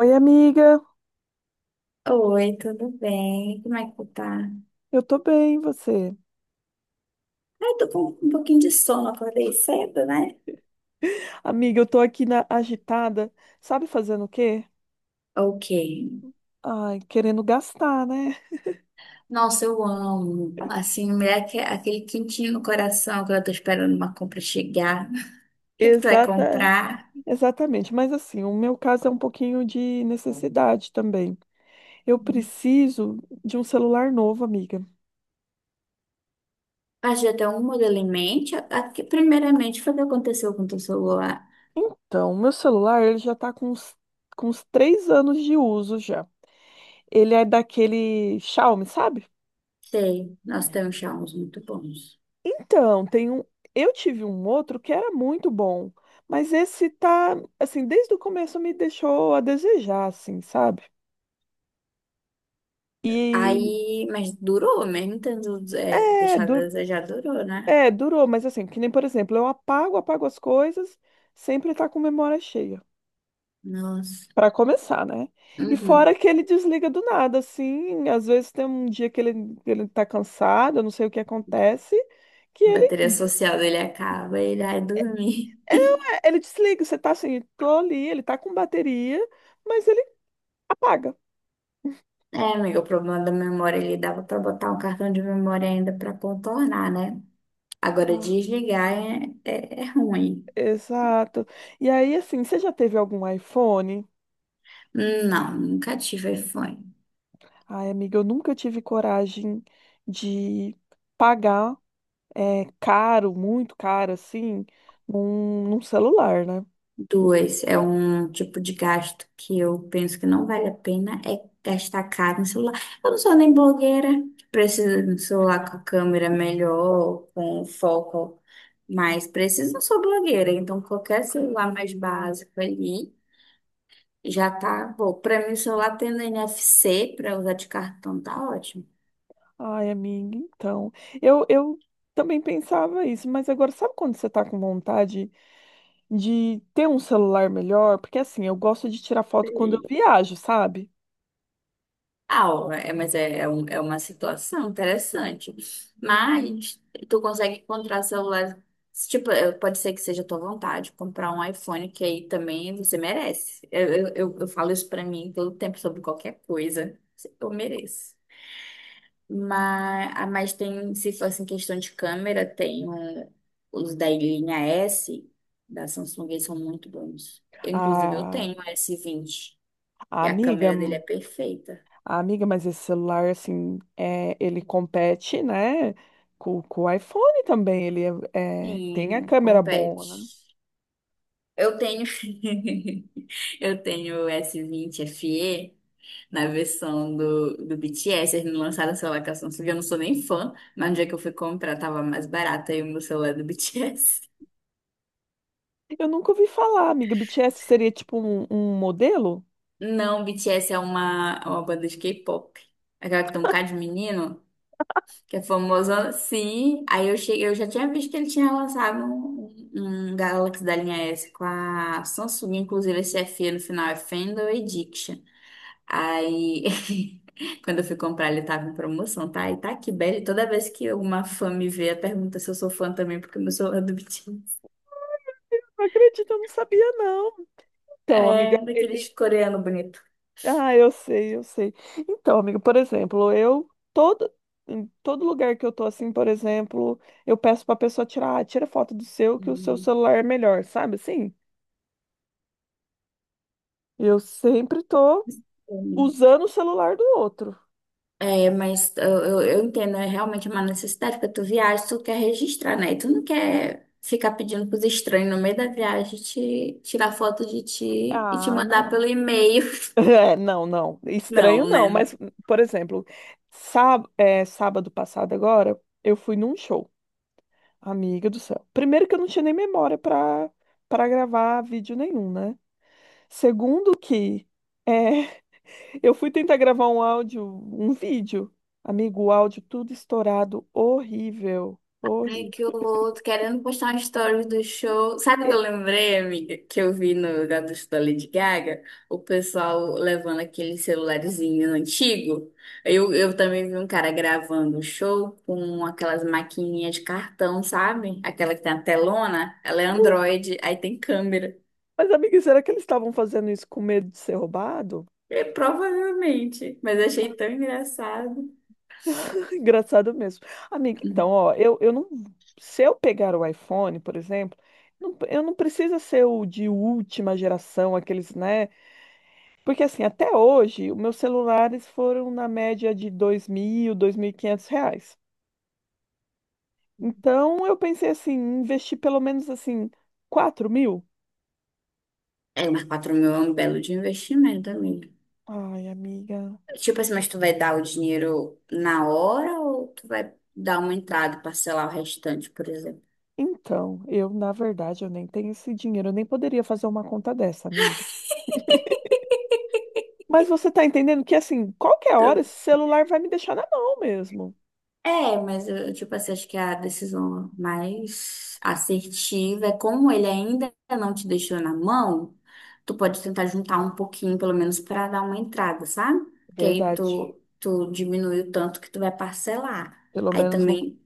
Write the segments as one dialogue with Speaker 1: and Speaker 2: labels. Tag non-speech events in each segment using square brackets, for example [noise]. Speaker 1: Oi, amiga.
Speaker 2: Oi, tudo bem? Como é que tu tá?
Speaker 1: Eu tô bem, e você?
Speaker 2: Ai, tô com um pouquinho de sono, acordei cedo, né?
Speaker 1: Amiga, eu tô aqui na agitada. Sabe fazendo o quê?
Speaker 2: Ok.
Speaker 1: Ai, querendo gastar, né?
Speaker 2: Nossa, eu amo. Assim, me dá aquele quentinho no coração quando eu tô esperando uma compra chegar. O que é que tu vai
Speaker 1: Exata,
Speaker 2: comprar?
Speaker 1: Exatamente. Mas assim, o meu caso é um pouquinho de necessidade também. Eu preciso de um celular novo, amiga.
Speaker 2: Ah, já tem um modelo em mente? Aqui, primeiramente, foi o que aconteceu com o teu celular.
Speaker 1: Então, meu celular, ele já tá com uns 3 anos de uso já. Ele é daquele Xiaomi, sabe?
Speaker 2: Sei, nós temos Xiaomi muito bons.
Speaker 1: Então, eu tive um outro que era muito bom, mas esse tá, assim, desde o começo me deixou a desejar, assim, sabe?
Speaker 2: Aí,
Speaker 1: E
Speaker 2: mas durou, mesmo tendo
Speaker 1: é,
Speaker 2: deixado a
Speaker 1: du-
Speaker 2: desejar, durou, né?
Speaker 1: é, durou, mas assim, que nem, por exemplo, eu apago, apago as coisas, sempre tá com memória cheia.
Speaker 2: Nossa.
Speaker 1: Pra começar, né? E fora
Speaker 2: Uhum.
Speaker 1: que ele desliga do nada, assim, às vezes tem um dia que ele tá cansado, eu não sei o que acontece. que
Speaker 2: Bateria
Speaker 1: ele,
Speaker 2: social ele acaba, ele vai dormir.
Speaker 1: É, não, é, ele desliga, você tá assim, tô ali, ele tá com bateria, mas ele apaga.
Speaker 2: É, amiga, o problema da memória, ele dava pra botar um cartão de memória ainda pra contornar, né? Agora, desligar é ruim.
Speaker 1: Exato. E aí, assim, você já teve algum iPhone?
Speaker 2: Não, nunca tive iPhone.
Speaker 1: Ai, amiga, eu nunca tive coragem de pagar caro, muito caro, assim, num celular, né?
Speaker 2: Duas, é um tipo de gasto que eu penso que não vale a pena, é gastar caro no celular. Eu não sou nem blogueira, preciso de um celular com a câmera melhor, com um foco mais preciso, não sou blogueira, então qualquer celular mais básico ali. Já tá bom. Pra mim, o celular tendo NFC pra usar de cartão tá ótimo.
Speaker 1: Ai, amiga, então. Eu também pensava isso, mas agora, sabe quando você tá com vontade de ter um celular melhor? Porque, assim, eu gosto de tirar foto quando eu
Speaker 2: Sim.
Speaker 1: viajo, sabe?
Speaker 2: Ah, ó, é, mas é uma situação interessante. Mas tu consegue encontrar celular. Tipo, pode ser que seja a tua vontade comprar um iPhone, que aí também você merece. Eu falo isso pra mim todo tempo sobre qualquer coisa. Eu mereço. Mas tem, se fosse em questão de câmera, tem os da linha S da Samsung, eles são muito bons. Eu, inclusive, eu
Speaker 1: A,
Speaker 2: tenho o S20
Speaker 1: a
Speaker 2: e a
Speaker 1: amiga.
Speaker 2: câmera dele é perfeita.
Speaker 1: Ah, amiga, mas esse celular, assim, ele compete, né, com o iPhone também. Ele tem a
Speaker 2: Sim,
Speaker 1: câmera
Speaker 2: compete.
Speaker 1: boa, né?
Speaker 2: Eu tenho, [laughs] eu tenho o S20 FE na versão do, BTS. Eles não lançaram o celular com a Samsung, eu não sou nem fã, mas no dia que eu fui comprar tava mais barato aí o meu celular do BTS.
Speaker 1: Eu nunca ouvi falar, amiga. BTS seria tipo um, modelo?
Speaker 2: Não, BTS é uma, banda de K-pop. Aquela que tem um bocado de menino, que é famoso. Sim, aí eu cheguei, eu já tinha visto que ele tinha lançado um Galaxy da linha S com a Samsung, inclusive esse F no final é Fandom Addiction. Aí, [laughs] quando eu fui comprar, ele tava em promoção, tá? E tá aqui, belo. Toda vez que alguma fã me vê, ela pergunta se eu sou fã também, porque eu sou fã do BTS.
Speaker 1: Não acredito, eu não sabia, não. Então, amiga.
Speaker 2: É, daqueles coreanos bonitos.
Speaker 1: Ah, eu sei, eu sei. Então, amiga, por exemplo, eu todo. Em todo lugar que eu tô assim, por exemplo, eu peço pra pessoa tirar, ah, tira foto do seu, que o seu celular é melhor, sabe assim? Eu sempre tô
Speaker 2: Uhum.
Speaker 1: usando o celular do outro.
Speaker 2: É, mas eu entendo, é realmente uma necessidade, porque tu viaja, tu quer registrar, né? E tu não quer ficar pedindo pros estranhos no meio da viagem te tirar foto de ti e te
Speaker 1: Ah,
Speaker 2: mandar
Speaker 1: não.
Speaker 2: pelo
Speaker 1: [laughs]
Speaker 2: e-mail. [laughs]
Speaker 1: É, não, não.
Speaker 2: Não,
Speaker 1: Estranho não,
Speaker 2: né?
Speaker 1: mas, por exemplo, sábado passado agora, eu fui num show. Amiga do céu. Primeiro que eu não tinha nem memória pra gravar vídeo nenhum, né? Segundo que é, [laughs] eu fui tentar gravar um áudio, um vídeo. Amigo, o áudio tudo estourado, horrível,
Speaker 2: Ai, que
Speaker 1: horrível.
Speaker 2: horror. Tô querendo postar uma story do show. Sabe o que
Speaker 1: E-
Speaker 2: eu lembrei, amiga? Que eu vi no Gato da Lady Gaga? O pessoal levando aquele celularzinho antigo. Eu também vi um cara gravando o show com aquelas maquininhas de cartão, sabe? Aquela que tem a telona. Ela é
Speaker 1: não.
Speaker 2: Android, aí tem câmera.
Speaker 1: Mas, amiga, será que eles estavam fazendo isso com medo de ser roubado?
Speaker 2: É, provavelmente. Mas eu achei tão
Speaker 1: [laughs]
Speaker 2: engraçado.
Speaker 1: Engraçado mesmo. Amiga, então, ó, eu não. Se eu pegar o iPhone, por exemplo, eu não precisa ser o de última geração, aqueles, né? Porque, assim, até hoje, os meus celulares foram na média de dois mil, R$ 2.500. Então, eu pensei assim, investir pelo menos, assim, 4.000.
Speaker 2: É, mas 4.000 é um belo de investimento, amiga.
Speaker 1: Ai, amiga.
Speaker 2: Tipo assim, mas tu vai dar o dinheiro na hora ou tu vai dar uma entrada e parcelar o restante, por exemplo?
Speaker 1: Então, eu, na verdade, eu nem tenho esse dinheiro, eu nem poderia fazer uma conta dessa, amiga. Mas você tá entendendo que, assim, qualquer hora esse
Speaker 2: Tu-
Speaker 1: celular vai me deixar na mão mesmo.
Speaker 2: É, mas eu, tipo assim, acho que a decisão mais assertiva é como ele ainda não te deixou na mão, tu pode tentar juntar um pouquinho, pelo menos, para dar uma entrada, sabe? Que aí
Speaker 1: Verdade.
Speaker 2: tu diminui o tanto que tu vai parcelar.
Speaker 1: Pelo
Speaker 2: Aí
Speaker 1: menos não,
Speaker 2: também.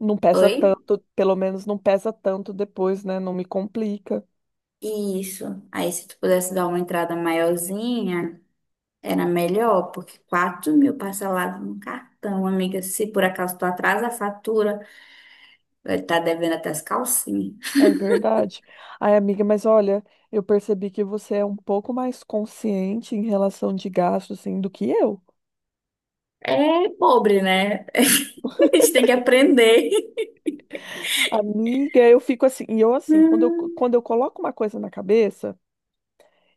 Speaker 1: não pesa
Speaker 2: Oi?
Speaker 1: tanto, pelo menos não pesa tanto depois, né? Não me complica.
Speaker 2: Isso. Aí se tu pudesse dar uma entrada maiorzinha. Era melhor, porque 4.000 parcelado no cartão, amiga. Se por acaso tu atrasa a fatura, vai estar devendo até as calcinhas.
Speaker 1: É verdade. Ai, amiga, mas olha, eu percebi que você é um pouco mais consciente em relação de gastos, assim, do que eu.
Speaker 2: É pobre, né? [laughs] A gente tem que aprender. [laughs]
Speaker 1: Amiga, eu fico assim, e eu assim, quando eu,
Speaker 2: Hum,
Speaker 1: quando eu coloco uma coisa na cabeça,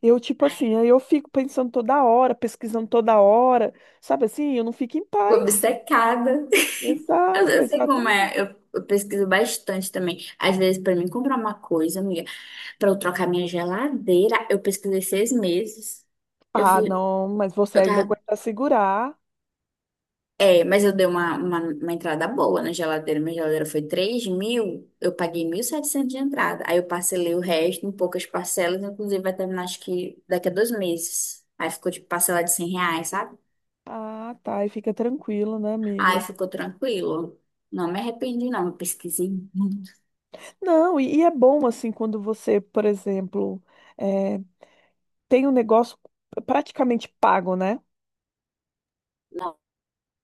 Speaker 1: eu tipo assim, aí eu fico pensando toda hora, pesquisando toda hora, sabe assim, eu não fico em
Speaker 2: Fui
Speaker 1: paz.
Speaker 2: obcecada. Eu,
Speaker 1: Exato,
Speaker 2: eu sei como
Speaker 1: exatamente.
Speaker 2: é. Eu pesquiso bastante também. Às vezes, pra mim comprar uma coisa, amiga, pra eu trocar minha geladeira, eu pesquisei 6 meses. Eu
Speaker 1: Ah,
Speaker 2: fui,
Speaker 1: não, mas você
Speaker 2: eu
Speaker 1: ainda
Speaker 2: tava
Speaker 1: aguenta segurar.
Speaker 2: É, mas eu dei uma, uma entrada boa na geladeira. Minha geladeira foi 3.000, eu paguei 1.700 de entrada. Aí eu parcelei o resto em poucas parcelas, inclusive vai terminar acho que daqui a 2 meses. Aí ficou tipo parcela de R$ 100, sabe?
Speaker 1: Ah, tá, e fica tranquilo, né,
Speaker 2: Aí
Speaker 1: amiga?
Speaker 2: ficou tranquilo. Não me arrependi, não. Eu pesquisei muito.
Speaker 1: Não, e é bom, assim, quando você, por exemplo, eh, tem um negócio praticamente pago, né?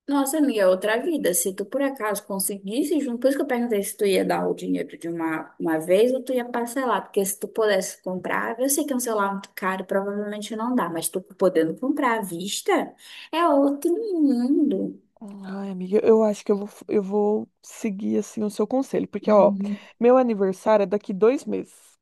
Speaker 2: Nossa, amiga, é outra vida. Se tu por acaso conseguisse junto, por isso que eu perguntei se tu ia dar o dinheiro de uma, vez ou tu ia parcelar, porque se tu pudesse comprar, eu sei que é um celular muito caro, provavelmente não dá, mas tu podendo comprar à vista é outro mundo.
Speaker 1: Ai, amiga, eu acho que eu vou seguir, assim, o seu conselho, porque, ó,
Speaker 2: Uhum.
Speaker 1: meu aniversário é daqui 2 meses.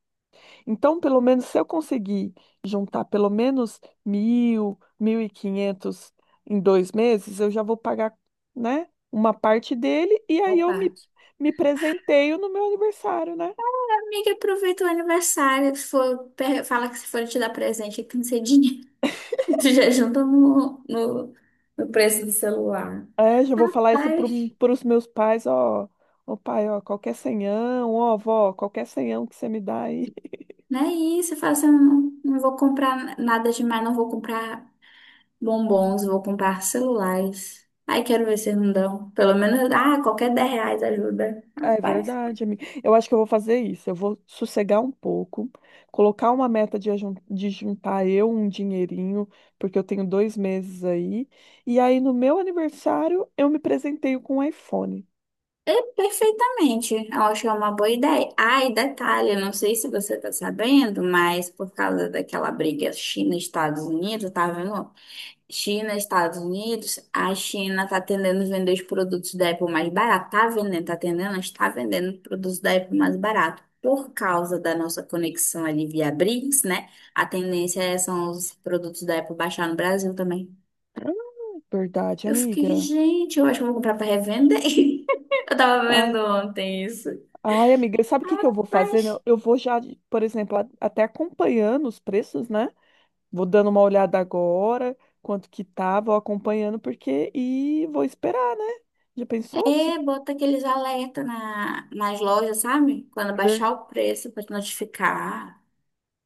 Speaker 1: Então, pelo menos, se eu conseguir juntar pelo menos 1.000, 1.500 em 2 meses, eu já vou pagar, né, uma parte dele e aí
Speaker 2: Boa
Speaker 1: eu me,
Speaker 2: parte.
Speaker 1: me presenteio no meu aniversário, né?
Speaker 2: Amiga, aproveita o aniversário, se for, fala que se for te dar presente, tem que ser dinheiro. [laughs] Tu já junta no, no preço do celular.
Speaker 1: É, já vou falar isso
Speaker 2: Rapaz.
Speaker 1: para os meus pais, ó, ô pai, ó, qualquer senhão, ó, vó, qualquer senhão que você me dá aí.
Speaker 2: Né? E você fala assim, eu não, não vou comprar nada demais, não vou comprar bombons, vou comprar celulares. Aí quero ver se não dão. Pelo menos, qualquer R$ 10 ajuda.
Speaker 1: É
Speaker 2: Rapaz.
Speaker 1: verdade, amiga. Eu acho que eu vou fazer isso. Eu vou sossegar um pouco, colocar uma meta de juntar eu um dinheirinho, porque eu tenho 2 meses aí. E aí, no meu aniversário, eu me presenteio com um iPhone.
Speaker 2: É perfeitamente. Eu acho que é uma boa ideia. Ah, e detalhe, eu não sei se você tá sabendo, mas por causa daquela briga China-Estados Unidos, tá vendo? China, Estados Unidos, a China tá tendendo a vender os produtos da Apple mais barato. Tá vendendo, tá tendendo, está vendendo os produtos da Apple mais barato. Por causa da nossa conexão ali via BRICS, né? A tendência é são os produtos da Apple baixar no Brasil também.
Speaker 1: Verdade,
Speaker 2: Eu fiquei,
Speaker 1: amiga.
Speaker 2: gente, eu acho que eu vou comprar para revender. [laughs] Eu tava
Speaker 1: Ah,
Speaker 2: vendo ontem isso.
Speaker 1: ai, amiga, sabe o que que eu vou fazer?
Speaker 2: Rapaz,
Speaker 1: Né? Eu vou já, por exemplo, até acompanhando os preços, né? Vou dando uma olhada agora, quanto que tá, vou acompanhando, porque. E vou esperar, né? Já pensou? Se...
Speaker 2: é, bota aqueles alerta nas lojas, sabe? Quando
Speaker 1: É ver-
Speaker 2: baixar o preço para te notificar.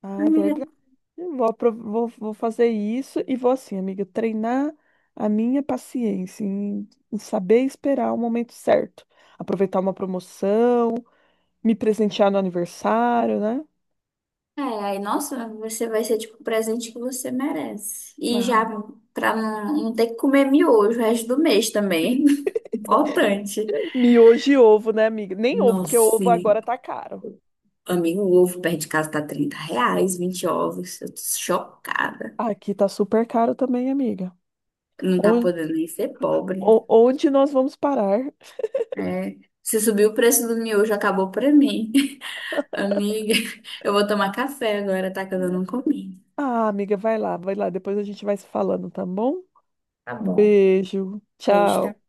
Speaker 1: Ah, é
Speaker 2: Amiga.
Speaker 1: verdade. Eu vou fazer isso e vou assim, amiga, treinar a minha paciência em saber esperar o momento certo, aproveitar uma promoção, me presentear no aniversário, né?
Speaker 2: É, aí, nossa, você vai ser tipo o presente que você merece. E
Speaker 1: Ah,
Speaker 2: já pra não, não ter que comer miojo o resto do mês também. [laughs] Importante.
Speaker 1: miojo e ovo, né, amiga? Nem ovo, porque o
Speaker 2: Nossa,
Speaker 1: ovo
Speaker 2: e,
Speaker 1: agora tá caro.
Speaker 2: amigo, o ovo perto de casa tá R$ 30, 20 ovos. Eu tô chocada.
Speaker 1: Aqui tá super caro também, amiga.
Speaker 2: Não tá
Speaker 1: Onde,
Speaker 2: podendo nem ser pobre.
Speaker 1: onde nós vamos parar?
Speaker 2: É. Se subir o preço do miojo, acabou pra mim. [laughs] Amiga, eu vou tomar café agora, tá? Que eu não comi.
Speaker 1: Ah, amiga, vai lá, depois a gente vai se falando, tá bom?
Speaker 2: Tá
Speaker 1: Um
Speaker 2: bom.
Speaker 1: beijo,
Speaker 2: Beijo, tá?
Speaker 1: tchau.